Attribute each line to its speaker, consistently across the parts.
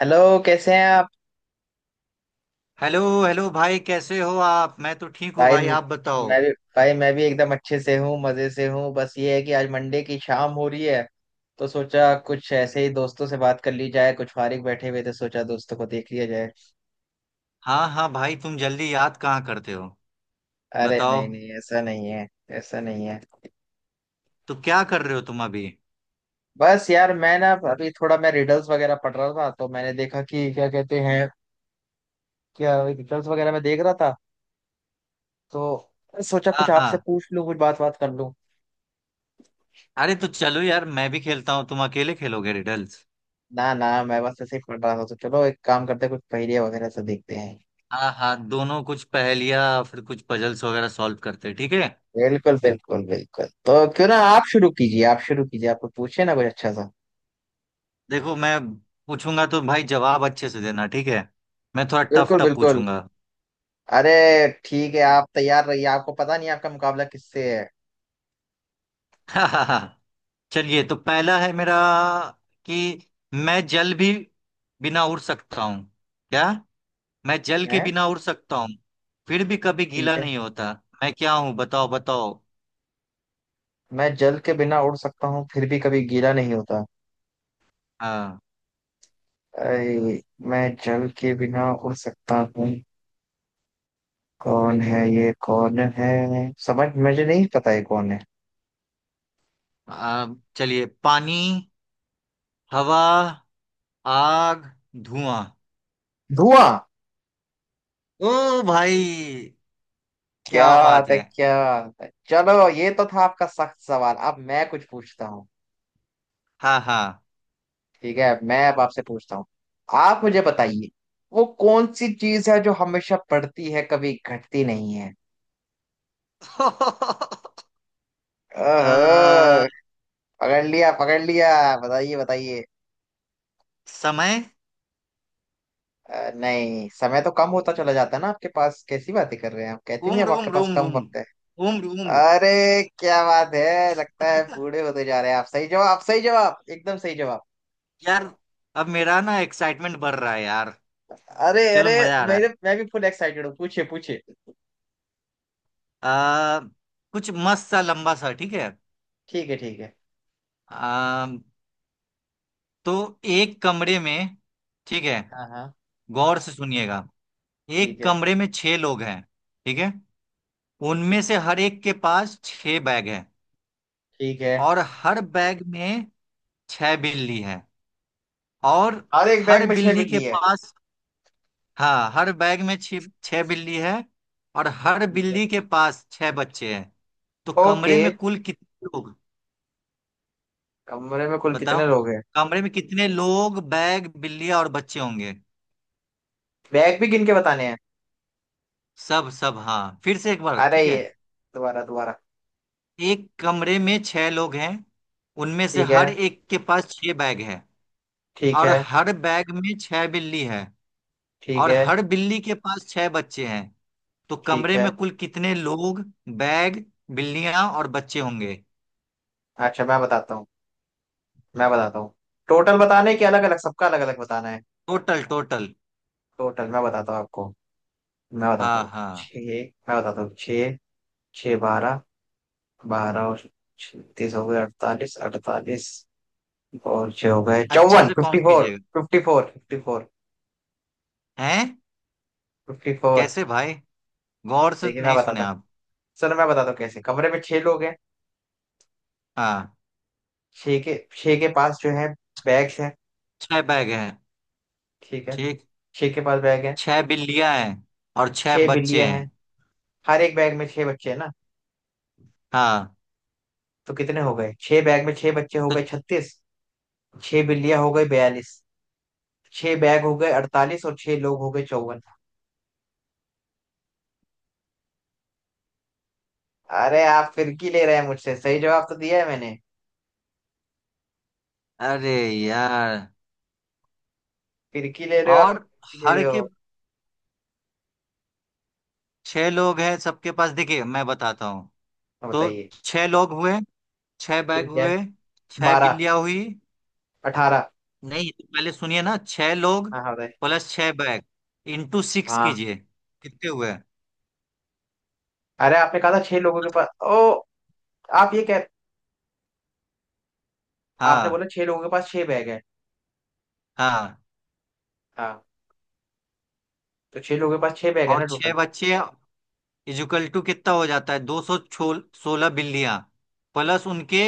Speaker 1: Hello. कैसे हैं आप?
Speaker 2: हेलो हेलो भाई, कैसे हो आप। मैं तो ठीक हूँ
Speaker 1: भाई
Speaker 2: भाई, आप बताओ।
Speaker 1: मैं भी। भाई मैं भी एकदम अच्छे से हूँ, मजे से हूँ। बस ये है कि आज मंडे की शाम हो रही है, तो सोचा कुछ ऐसे ही दोस्तों से बात कर ली जाए। कुछ फारिग बैठे हुए थे, सोचा दोस्तों को देख लिया जाए।
Speaker 2: हाँ हाँ भाई, तुम जल्दी याद कहाँ करते हो।
Speaker 1: अरे
Speaker 2: बताओ,
Speaker 1: नहीं नहीं, ऐसा नहीं है। ऐसा नहीं है।
Speaker 2: तो क्या कर रहे हो तुम अभी।
Speaker 1: बस यार, मैं ना अभी थोड़ा मैं रिडल्स वगैरह पढ़ रहा था, तो मैंने देखा कि क्या कहते हैं। क्या रिडल्स वगैरह मैं देख रहा था, तो सोचा
Speaker 2: हाँ
Speaker 1: कुछ
Speaker 2: हाँ।
Speaker 1: आपसे पूछ लूं, कुछ बात बात कर लूं।
Speaker 2: अरे तो चलो यार, मैं भी खेलता हूँ, तुम अकेले खेलोगे रिडल्स।
Speaker 1: ना ना, मैं बस ऐसे ही पढ़ रहा था, तो चलो एक काम करते हैं, कुछ पहेलियां वगैरह से देखते हैं।
Speaker 2: हाँ हाँ, दोनों कुछ पहेलियाँ फिर कुछ पजल्स वगैरह सॉल्व करते हैं, ठीक है।
Speaker 1: बिल्कुल बिल्कुल बिल्कुल। तो क्यों ना आप शुरू कीजिए, आप शुरू कीजिए, आप पूछे ना कुछ अच्छा सा।
Speaker 2: देखो, मैं पूछूंगा तो भाई जवाब अच्छे से देना, ठीक है। मैं थोड़ा टफ
Speaker 1: बिल्कुल
Speaker 2: टफ
Speaker 1: बिल्कुल।
Speaker 2: पूछूंगा।
Speaker 1: अरे ठीक है, आप तैयार रहिए, आपको पता नहीं आपका मुकाबला किससे है।
Speaker 2: हाँ हाँ हाँ। चलिए, तो पहला है मेरा कि मैं जल भी बिना उड़ सकता हूँ। क्या? मैं जल के
Speaker 1: मैं
Speaker 2: बिना उड़ सकता हूँ फिर भी कभी
Speaker 1: ठीक
Speaker 2: गीला
Speaker 1: है,
Speaker 2: नहीं होता। मैं क्या हूँ, बताओ बताओ।
Speaker 1: मैं जल के बिना उड़ सकता हूँ फिर भी कभी गीला नहीं होता।
Speaker 2: हाँ।
Speaker 1: अरे मैं जल के बिना उड़ सकता हूँ। कौन है ये? कौन है? समझ मुझे नहीं पता ये कौन है।
Speaker 2: आ, चलिए। पानी। हवा। आग। धुआं।
Speaker 1: धुआं।
Speaker 2: ओ भाई,
Speaker 1: क्या
Speaker 2: क्या
Speaker 1: बात
Speaker 2: बात
Speaker 1: है?
Speaker 2: है।
Speaker 1: क्या बात है? चलो, ये तो था आपका सख्त सवाल, अब मैं कुछ पूछता हूँ।
Speaker 2: हाँ हाँ।
Speaker 1: ठीक है, मैं अब आपसे पूछता हूँ। आप मुझे बताइए, वो कौन सी चीज है जो हमेशा बढ़ती है कभी घटती नहीं है?
Speaker 2: आ,
Speaker 1: ओहो। पकड़ लिया पकड़ लिया। बताइए बताइए।
Speaker 2: समय।
Speaker 1: नहीं, समय तो कम होता चला जाता है ना आपके पास। कैसी बातें कर रहे हैं आप? कहती नहीं
Speaker 2: उम्र
Speaker 1: अब आपके
Speaker 2: उम्र
Speaker 1: पास
Speaker 2: उम्र
Speaker 1: कम
Speaker 2: उम्र
Speaker 1: वक्त है।
Speaker 2: उम्र उम्र
Speaker 1: अरे क्या बात है, लगता है बूढ़े होते जा रहे हैं आप। सही जवाब सही जवाब, एकदम सही जवाब।
Speaker 2: यार, अब मेरा ना एक्साइटमेंट बढ़ रहा है यार।
Speaker 1: अरे
Speaker 2: चलो
Speaker 1: अरे।
Speaker 2: मजा आ रहा
Speaker 1: मेरे
Speaker 2: है।
Speaker 1: मैं भी फुल एक्साइटेड हूँ, पूछिए पूछिए।
Speaker 2: आ, कुछ मस्त सा लंबा सा, ठीक है।
Speaker 1: ठीक है ठीक है।
Speaker 2: आ, तो एक कमरे में, ठीक है,
Speaker 1: हाँ हाँ।
Speaker 2: गौर से सुनिएगा।
Speaker 1: ठीक
Speaker 2: एक
Speaker 1: है।
Speaker 2: कमरे में छह लोग हैं, ठीक है। उनमें
Speaker 1: ठीक।
Speaker 2: से हर एक के पास छह बैग है।
Speaker 1: ठीक है।
Speaker 2: और हर बैग में छह बिल्ली है। और
Speaker 1: हर एक
Speaker 2: हर
Speaker 1: बैग में छह
Speaker 2: बिल्ली के
Speaker 1: बिल्ली है।
Speaker 2: पास, हाँ, हर बैग में छह छह बिल्ली है। और हर
Speaker 1: ठीक है।
Speaker 2: बिल्ली के पास छह बच्चे हैं। तो
Speaker 1: ओके।
Speaker 2: कमरे में कुल कितने लोग,
Speaker 1: कमरे में कुल
Speaker 2: बताओ,
Speaker 1: कितने लोग हैं?
Speaker 2: कमरे में कितने लोग, बैग, बिल्ली और बच्चे होंगे।
Speaker 1: बैग भी गिन के बताने हैं?
Speaker 2: सब सब, हाँ, फिर से एक बार,
Speaker 1: अरे
Speaker 2: ठीक है।
Speaker 1: ये, दोबारा दोबारा।
Speaker 2: एक कमरे में छह लोग हैं। उनमें से
Speaker 1: ठीक है
Speaker 2: हर एक के पास छह बैग है।
Speaker 1: ठीक
Speaker 2: और
Speaker 1: है।
Speaker 2: हर बैग में छह बिल्ली है।
Speaker 1: ठीक
Speaker 2: और
Speaker 1: है
Speaker 2: हर बिल्ली के पास छह बच्चे हैं। तो
Speaker 1: ठीक
Speaker 2: कमरे
Speaker 1: है।
Speaker 2: में कुल कितने लोग, बैग, बिल्लियां और बच्चे होंगे।
Speaker 1: अच्छा मैं बताता हूँ। मैं बताता हूँ। टोटल बताने के, अलग अलग सबका अलग अलग बताना है?
Speaker 2: Total total.
Speaker 1: टोटल मैं बताता हूँ आपको। मैं बताता
Speaker 2: हाँ
Speaker 1: हूँ
Speaker 2: हाँ।
Speaker 1: छः। मैं बताता हूँ छः। छः, 12। 12 और 36 हो गए, 48 48। और छः हो गए
Speaker 2: अच्छे
Speaker 1: 54।
Speaker 2: से
Speaker 1: फिफ्टी
Speaker 2: काउंट
Speaker 1: फोर
Speaker 2: कीजिएगा।
Speaker 1: 54, फिफ्टी फोर,
Speaker 2: हैं?
Speaker 1: Fifty four.
Speaker 2: कैसे भाई, गौर से
Speaker 1: देखिए मैं
Speaker 2: नहीं सुने
Speaker 1: बताता हूँ,
Speaker 2: आप।
Speaker 1: सर मैं बताता हूँ कैसे। कमरे में छह लोग हैं।
Speaker 2: हाँ,
Speaker 1: छह के पास जो है, बैग्स हैं।
Speaker 2: छह बैग हैं,
Speaker 1: ठीक है।
Speaker 2: ठीक।
Speaker 1: छह के पास बैग है।
Speaker 2: छह बिल्लियां हैं और छह
Speaker 1: छह
Speaker 2: बच्चे
Speaker 1: बिल्लियां
Speaker 2: हैं।
Speaker 1: हैं। हर एक बैग में छह बच्चे हैं ना?
Speaker 2: हाँ।
Speaker 1: तो कितने हो गए? छह बैग में छह बच्चे हो
Speaker 2: तो
Speaker 1: गए 36। छह बिल्लियां हो गई 42। छह बैग हो गए 48, और छह लोग हो गए 54। अरे आप फिरकी ले रहे हैं मुझसे, सही जवाब तो दिया है मैंने।
Speaker 2: अरे यार,
Speaker 1: फिरकी ले रहे हो आप,
Speaker 2: और
Speaker 1: फिरकी ले
Speaker 2: हर
Speaker 1: रहे
Speaker 2: के
Speaker 1: हो।
Speaker 2: छह लोग हैं सबके पास, देखिए मैं बताता हूँ।
Speaker 1: हाँ,
Speaker 2: तो
Speaker 1: बताइए।
Speaker 2: छह लोग हुए, छह बैग
Speaker 1: ठीक है।
Speaker 2: हुए, छह
Speaker 1: 12।
Speaker 2: बिल्लियाँ हुई।
Speaker 1: 18।
Speaker 2: नहीं, तो पहले सुनिए ना। छह लोग
Speaker 1: हाँ हाँ बताइए।
Speaker 2: प्लस छह बैग इंटू सिक्स
Speaker 1: हाँ।
Speaker 2: कीजिए, कितने हुए।
Speaker 1: अरे आपने कहा था छह लोगों के पास। ओ, आप ये कह, आपने
Speaker 2: हाँ
Speaker 1: बोला छह लोगों के पास छह बैग है।
Speaker 2: हाँ।
Speaker 1: हाँ। तो छह लोगों के पास छह बैग है
Speaker 2: और
Speaker 1: ना
Speaker 2: छह
Speaker 1: टोटल?
Speaker 2: बच्चे इजुकल टू कितना हो जाता है, दो सौ सोलह बिल्लियाँ प्लस उनके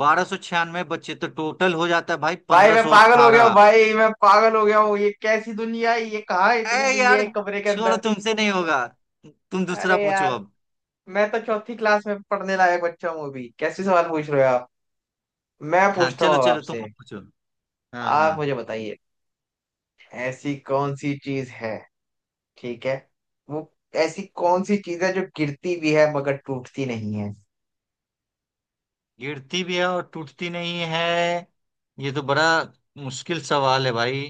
Speaker 2: बारह सौ छियानवे बच्चे। तो टोटल हो जाता है भाई
Speaker 1: भाई
Speaker 2: पंद्रह
Speaker 1: मैं
Speaker 2: सौ
Speaker 1: पागल हो गया हूँ,
Speaker 2: अट्ठारह।
Speaker 1: भाई मैं पागल हो गया हूँ। ये कैसी दुनिया है, ये कहाँ है इतनी
Speaker 2: ए
Speaker 1: बिल्लियाँ
Speaker 2: यार,
Speaker 1: एक कमरे के
Speaker 2: छोड़ो,
Speaker 1: अंदर?
Speaker 2: तुमसे नहीं होगा। तुम
Speaker 1: अरे
Speaker 2: दूसरा पूछो
Speaker 1: यार,
Speaker 2: अब।
Speaker 1: मैं तो चौथी क्लास में पढ़ने लायक बच्चा हूँ अभी, कैसे सवाल पूछ रहे हो आप? मैं
Speaker 2: हाँ,
Speaker 1: पूछता हूँ
Speaker 2: चलो
Speaker 1: अब
Speaker 2: चलो, तुम
Speaker 1: आपसे।
Speaker 2: अब पूछो। हाँ
Speaker 1: आप
Speaker 2: हाँ।
Speaker 1: मुझे बताइए, ऐसी कौन सी चीज है, ठीक है, वो ऐसी कौन सी चीज है जो गिरती भी है मगर टूटती नहीं है?
Speaker 2: गिरती भी है और टूटती नहीं है, ये तो बड़ा मुश्किल सवाल है भाई।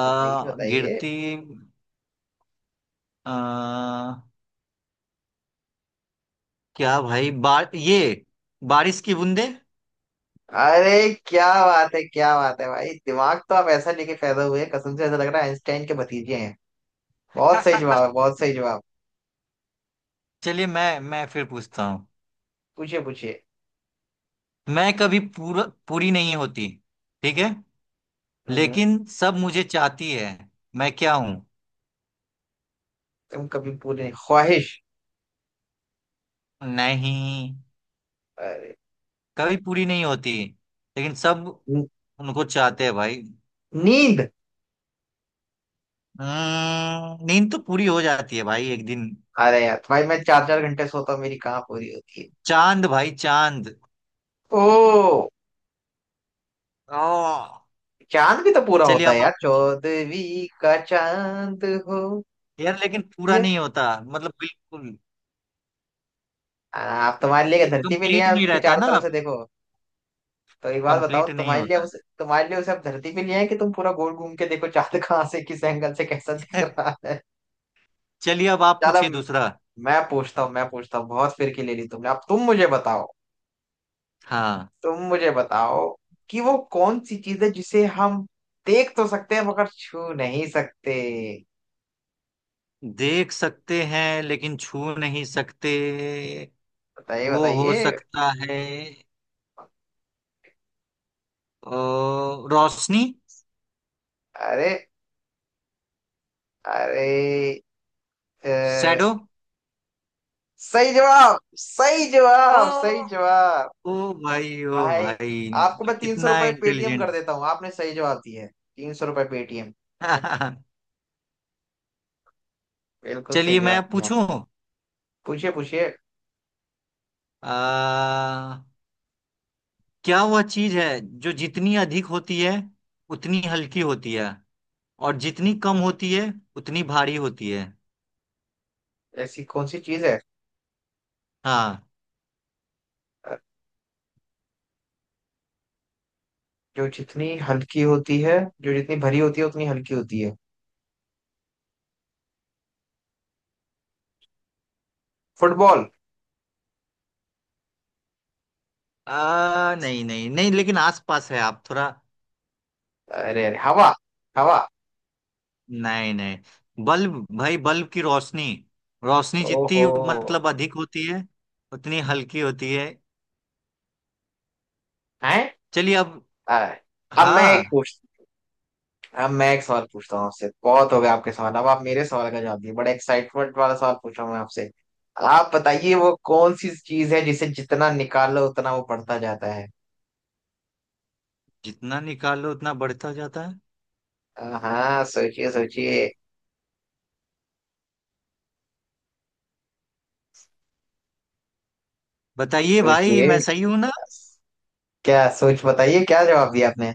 Speaker 1: बताइए बताइए।
Speaker 2: गिरती, आ, क्या भाई बार ये, बारिश की बूंदे।
Speaker 1: अरे क्या बात है, क्या बात है भाई, दिमाग तो आप ऐसा लेके पैदा हुए हैं, कसम से ऐसा लग रहा है आइंस्टाइन के भतीजे हैं। बहुत सही जवाब है, बहुत सही जवाब।
Speaker 2: चलिए, मैं फिर पूछता हूँ।
Speaker 1: पूछिए पूछिए।
Speaker 2: मैं कभी पूरा पूरी नहीं होती, ठीक है,
Speaker 1: हम्म।
Speaker 2: लेकिन सब मुझे चाहती है। मैं क्या हूँ?
Speaker 1: तुम कभी पूरी नहीं? ख्वाहिश?
Speaker 2: नहीं,
Speaker 1: अरे
Speaker 2: कभी पूरी नहीं होती, लेकिन सब
Speaker 1: न-
Speaker 2: उनको चाहते हैं भाई।
Speaker 1: नींद।
Speaker 2: नींद तो पूरी हो जाती है भाई एक दिन।
Speaker 1: अरे यार भाई, मैं चार चार घंटे सोता हूँ, मेरी कहाँ पूरी होती है?
Speaker 2: चांद भाई, चांद।
Speaker 1: ओ।
Speaker 2: ओ।
Speaker 1: चांद भी तो पूरा
Speaker 2: चलिए
Speaker 1: होता है
Speaker 2: अब
Speaker 1: यार,
Speaker 2: आप पूछिए।
Speaker 1: 14वीं का चांद हो।
Speaker 2: यार लेकिन पूरा
Speaker 1: ये
Speaker 2: नहीं होता, मतलब बिल्कुल
Speaker 1: आप तुम्हारे लिए
Speaker 2: ये
Speaker 1: धरती पे
Speaker 2: कंप्लीट
Speaker 1: लिया है
Speaker 2: नहीं
Speaker 1: उसके
Speaker 2: रहता
Speaker 1: चारों
Speaker 2: ना
Speaker 1: तरफ से
Speaker 2: आप।
Speaker 1: देखो। तो एक बात बताओ,
Speaker 2: कंप्लीट नहीं
Speaker 1: तुम्हारे लिए
Speaker 2: होता।
Speaker 1: उसे, तुम्हारे लिए उसे अब धरती पे ले आए कि तुम पूरा गोल घूम के देखो चांद कहाँ से किस एंगल से कैसा दिख रहा है।
Speaker 2: चलिए अब आप
Speaker 1: चलो
Speaker 2: पूछिए दूसरा।
Speaker 1: मैं पूछता हूँ। मैं पूछता हूँ, बहुत फिरकी ले ली तुमने, अब तुम मुझे बताओ।
Speaker 2: हाँ,
Speaker 1: तुम मुझे बताओ कि वो कौन सी चीज है जिसे हम देख तो सकते हैं मगर छू नहीं सकते?
Speaker 2: देख सकते हैं लेकिन छू नहीं सकते।
Speaker 1: बताइए
Speaker 2: वो हो
Speaker 1: बताइए।
Speaker 2: सकता है, अ, रोशनी,
Speaker 1: अरे अरे।
Speaker 2: शैडो।
Speaker 1: अ, सही जवाब सही
Speaker 2: ओ
Speaker 1: जवाब सही जवाब।
Speaker 2: ओ भाई, ओ
Speaker 1: भाई,
Speaker 2: भाई,
Speaker 1: आपको
Speaker 2: मैं
Speaker 1: मैं तीन सौ
Speaker 2: कितना
Speaker 1: रुपये पेटीएम
Speaker 2: इंटेलिजेंट।
Speaker 1: कर देता हूँ, आपने सही जवाब दिया है। ₹300 पेटीएम। बिल्कुल सही
Speaker 2: चलिए मैं
Speaker 1: जवाब दिया आप।
Speaker 2: पूछूं।
Speaker 1: पूछिए पूछिए।
Speaker 2: आ, क्या वह चीज है जो जितनी अधिक होती है उतनी हल्की होती है, और जितनी कम होती है उतनी भारी होती है।
Speaker 1: ऐसी कौन सी चीज है,
Speaker 2: हाँ।
Speaker 1: अ, जो जितनी हल्की होती है, जो जितनी भरी होती है उतनी हल्की होती है? फुटबॉल।
Speaker 2: नहीं नहीं नहीं, लेकिन आसपास है आप थोड़ा।
Speaker 1: अरे अरे, हवा। हवा।
Speaker 2: नहीं नहीं, बल्ब भाई, बल्ब की रोशनी। रोशनी
Speaker 1: ओहो।
Speaker 2: जितनी मतलब अधिक होती है उतनी हल्की होती है।
Speaker 1: है।
Speaker 2: चलिए अब,
Speaker 1: अब मैं
Speaker 2: हाँ,
Speaker 1: एक पूछ, अब मैं एक सवाल पूछता हूँ आपसे, बहुत हो गया आपके सवाल, अब आप मेरे सवाल का जवाब दिए। बड़ा एक्साइटमेंट वाला सवाल पूछ रहा हूँ मैं आपसे। आप बताइए, वो कौन सी चीज है जिसे जितना निकालो उतना वो बढ़ता जाता है?
Speaker 2: जितना निकालो उतना बढ़ता जाता है,
Speaker 1: हाँ, सोचिए सोचिए।
Speaker 2: बताइए भाई
Speaker 1: सोचिए।
Speaker 2: मैं सही हूं ना।
Speaker 1: क्या सोच, बताइए क्या जवाब दिया आपने।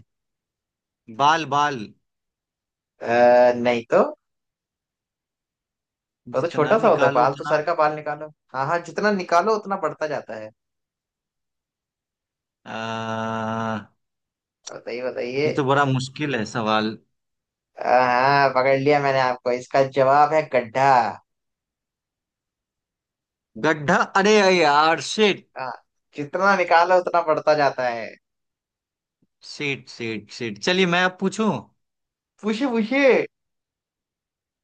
Speaker 2: बाल बाल,
Speaker 1: नहीं तो। वो तो
Speaker 2: जितना
Speaker 1: छोटा सा होता है
Speaker 2: निकालो
Speaker 1: बाल, तो
Speaker 2: था।
Speaker 1: सर का बाल निकालो। हाँ हाँ, जितना निकालो उतना बढ़ता जाता है।
Speaker 2: आ,
Speaker 1: बताइए
Speaker 2: ये
Speaker 1: बताइए।
Speaker 2: तो बड़ा मुश्किल है सवाल।
Speaker 1: हाँ हाँ, पकड़ लिया मैंने आपको, इसका जवाब है गड्ढा।
Speaker 2: गड्ढा? अरे यार शिट,
Speaker 1: हाँ। जितना निकालो उतना बढ़ता जाता है।
Speaker 2: शिट। चलिए मैं अब पूछूं।
Speaker 1: पूछिए पूछिए।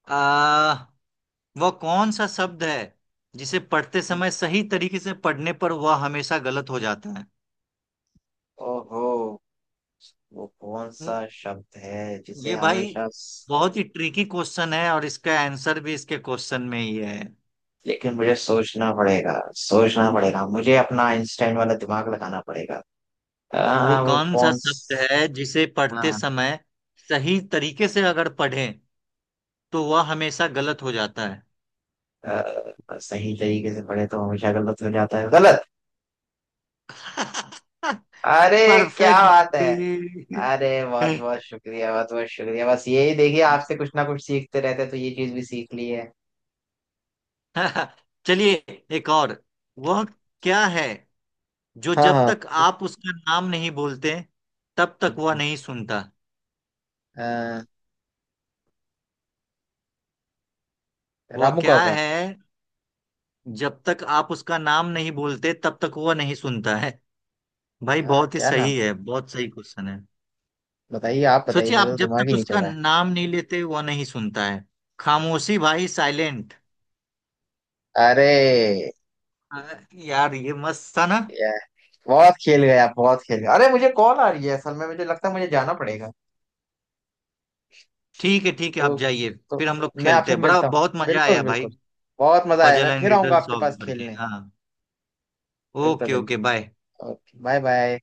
Speaker 2: आ, वह कौन सा शब्द है जिसे पढ़ते समय सही तरीके से पढ़ने पर वह हमेशा गलत हो जाता है।
Speaker 1: ओहो। वो कौन
Speaker 2: हम्म,
Speaker 1: सा शब्द है जिसे
Speaker 2: ये भाई
Speaker 1: हमेशा,
Speaker 2: बहुत ही ट्रिकी क्वेश्चन है, और इसका आंसर भी इसके क्वेश्चन में ही है।
Speaker 1: लेकिन मुझे सोचना पड़ेगा, सोचना पड़ेगा, मुझे अपना आइंस्टाइन वाला दिमाग लगाना पड़ेगा।
Speaker 2: वो
Speaker 1: वो
Speaker 2: कौन सा शब्द है जिसे पढ़ते
Speaker 1: हाँ।
Speaker 2: समय सही तरीके से अगर पढ़ें तो वह हमेशा गलत हो जाता है।
Speaker 1: सही तरीके से पढ़े तो हमेशा गलत हो जाता है, गलत। अरे क्या
Speaker 2: परफेक्ट।
Speaker 1: बात है। अरे बहुत बहुत शुक्रिया, बहुत बहुत शुक्रिया। बस यही देखिए, आपसे कुछ ना कुछ सीखते रहते हैं, तो ये चीज भी सीख ली है।
Speaker 2: चलिए एक और। वह क्या है जो
Speaker 1: हाँ
Speaker 2: जब
Speaker 1: हाँ।
Speaker 2: तक आप उसका नाम नहीं बोलते तब तक वह नहीं सुनता।
Speaker 1: अ,
Speaker 2: वह
Speaker 1: रामू
Speaker 2: क्या
Speaker 1: काका।
Speaker 2: है? जब तक आप उसका नाम नहीं बोलते तब तक वह नहीं सुनता है। भाई
Speaker 1: हाँ,
Speaker 2: बहुत ही
Speaker 1: क्या नाम?
Speaker 2: सही है, बहुत सही क्वेश्चन है।
Speaker 1: बताइए, आप बताइए,
Speaker 2: सोचिए
Speaker 1: मेरा
Speaker 2: आप,
Speaker 1: तो
Speaker 2: जब
Speaker 1: दिमाग
Speaker 2: तक
Speaker 1: ही नहीं चल
Speaker 2: उसका
Speaker 1: रहा।
Speaker 2: नाम नहीं लेते वह नहीं सुनता है। खामोशी भाई, साइलेंट।
Speaker 1: है। अरे
Speaker 2: यार ये मस्त था ना।
Speaker 1: या, बहुत खेल गए आप, बहुत खेल गए। अरे मुझे कॉल आ रही है असल में, मुझे लगता है मुझे जाना पड़ेगा।
Speaker 2: ठीक है ठीक है,
Speaker 1: तो
Speaker 2: आप जाइए।
Speaker 1: तो
Speaker 2: फिर हम लोग
Speaker 1: मैं
Speaker 2: खेलते
Speaker 1: आपसे
Speaker 2: हैं, बड़ा
Speaker 1: मिलता हूँ।
Speaker 2: बहुत मजा
Speaker 1: बिल्कुल
Speaker 2: आया भाई।
Speaker 1: बिल्कुल। बहुत मजा आया,
Speaker 2: पजल
Speaker 1: मैं
Speaker 2: एंड
Speaker 1: फिर आऊंगा
Speaker 2: रिडल
Speaker 1: आपके
Speaker 2: सॉल्व
Speaker 1: पास
Speaker 2: करके,
Speaker 1: खेलने।
Speaker 2: हाँ।
Speaker 1: बिल्कुल
Speaker 2: ओके
Speaker 1: बिल्कुल।
Speaker 2: Okay, bye.
Speaker 1: Okay, bye bye.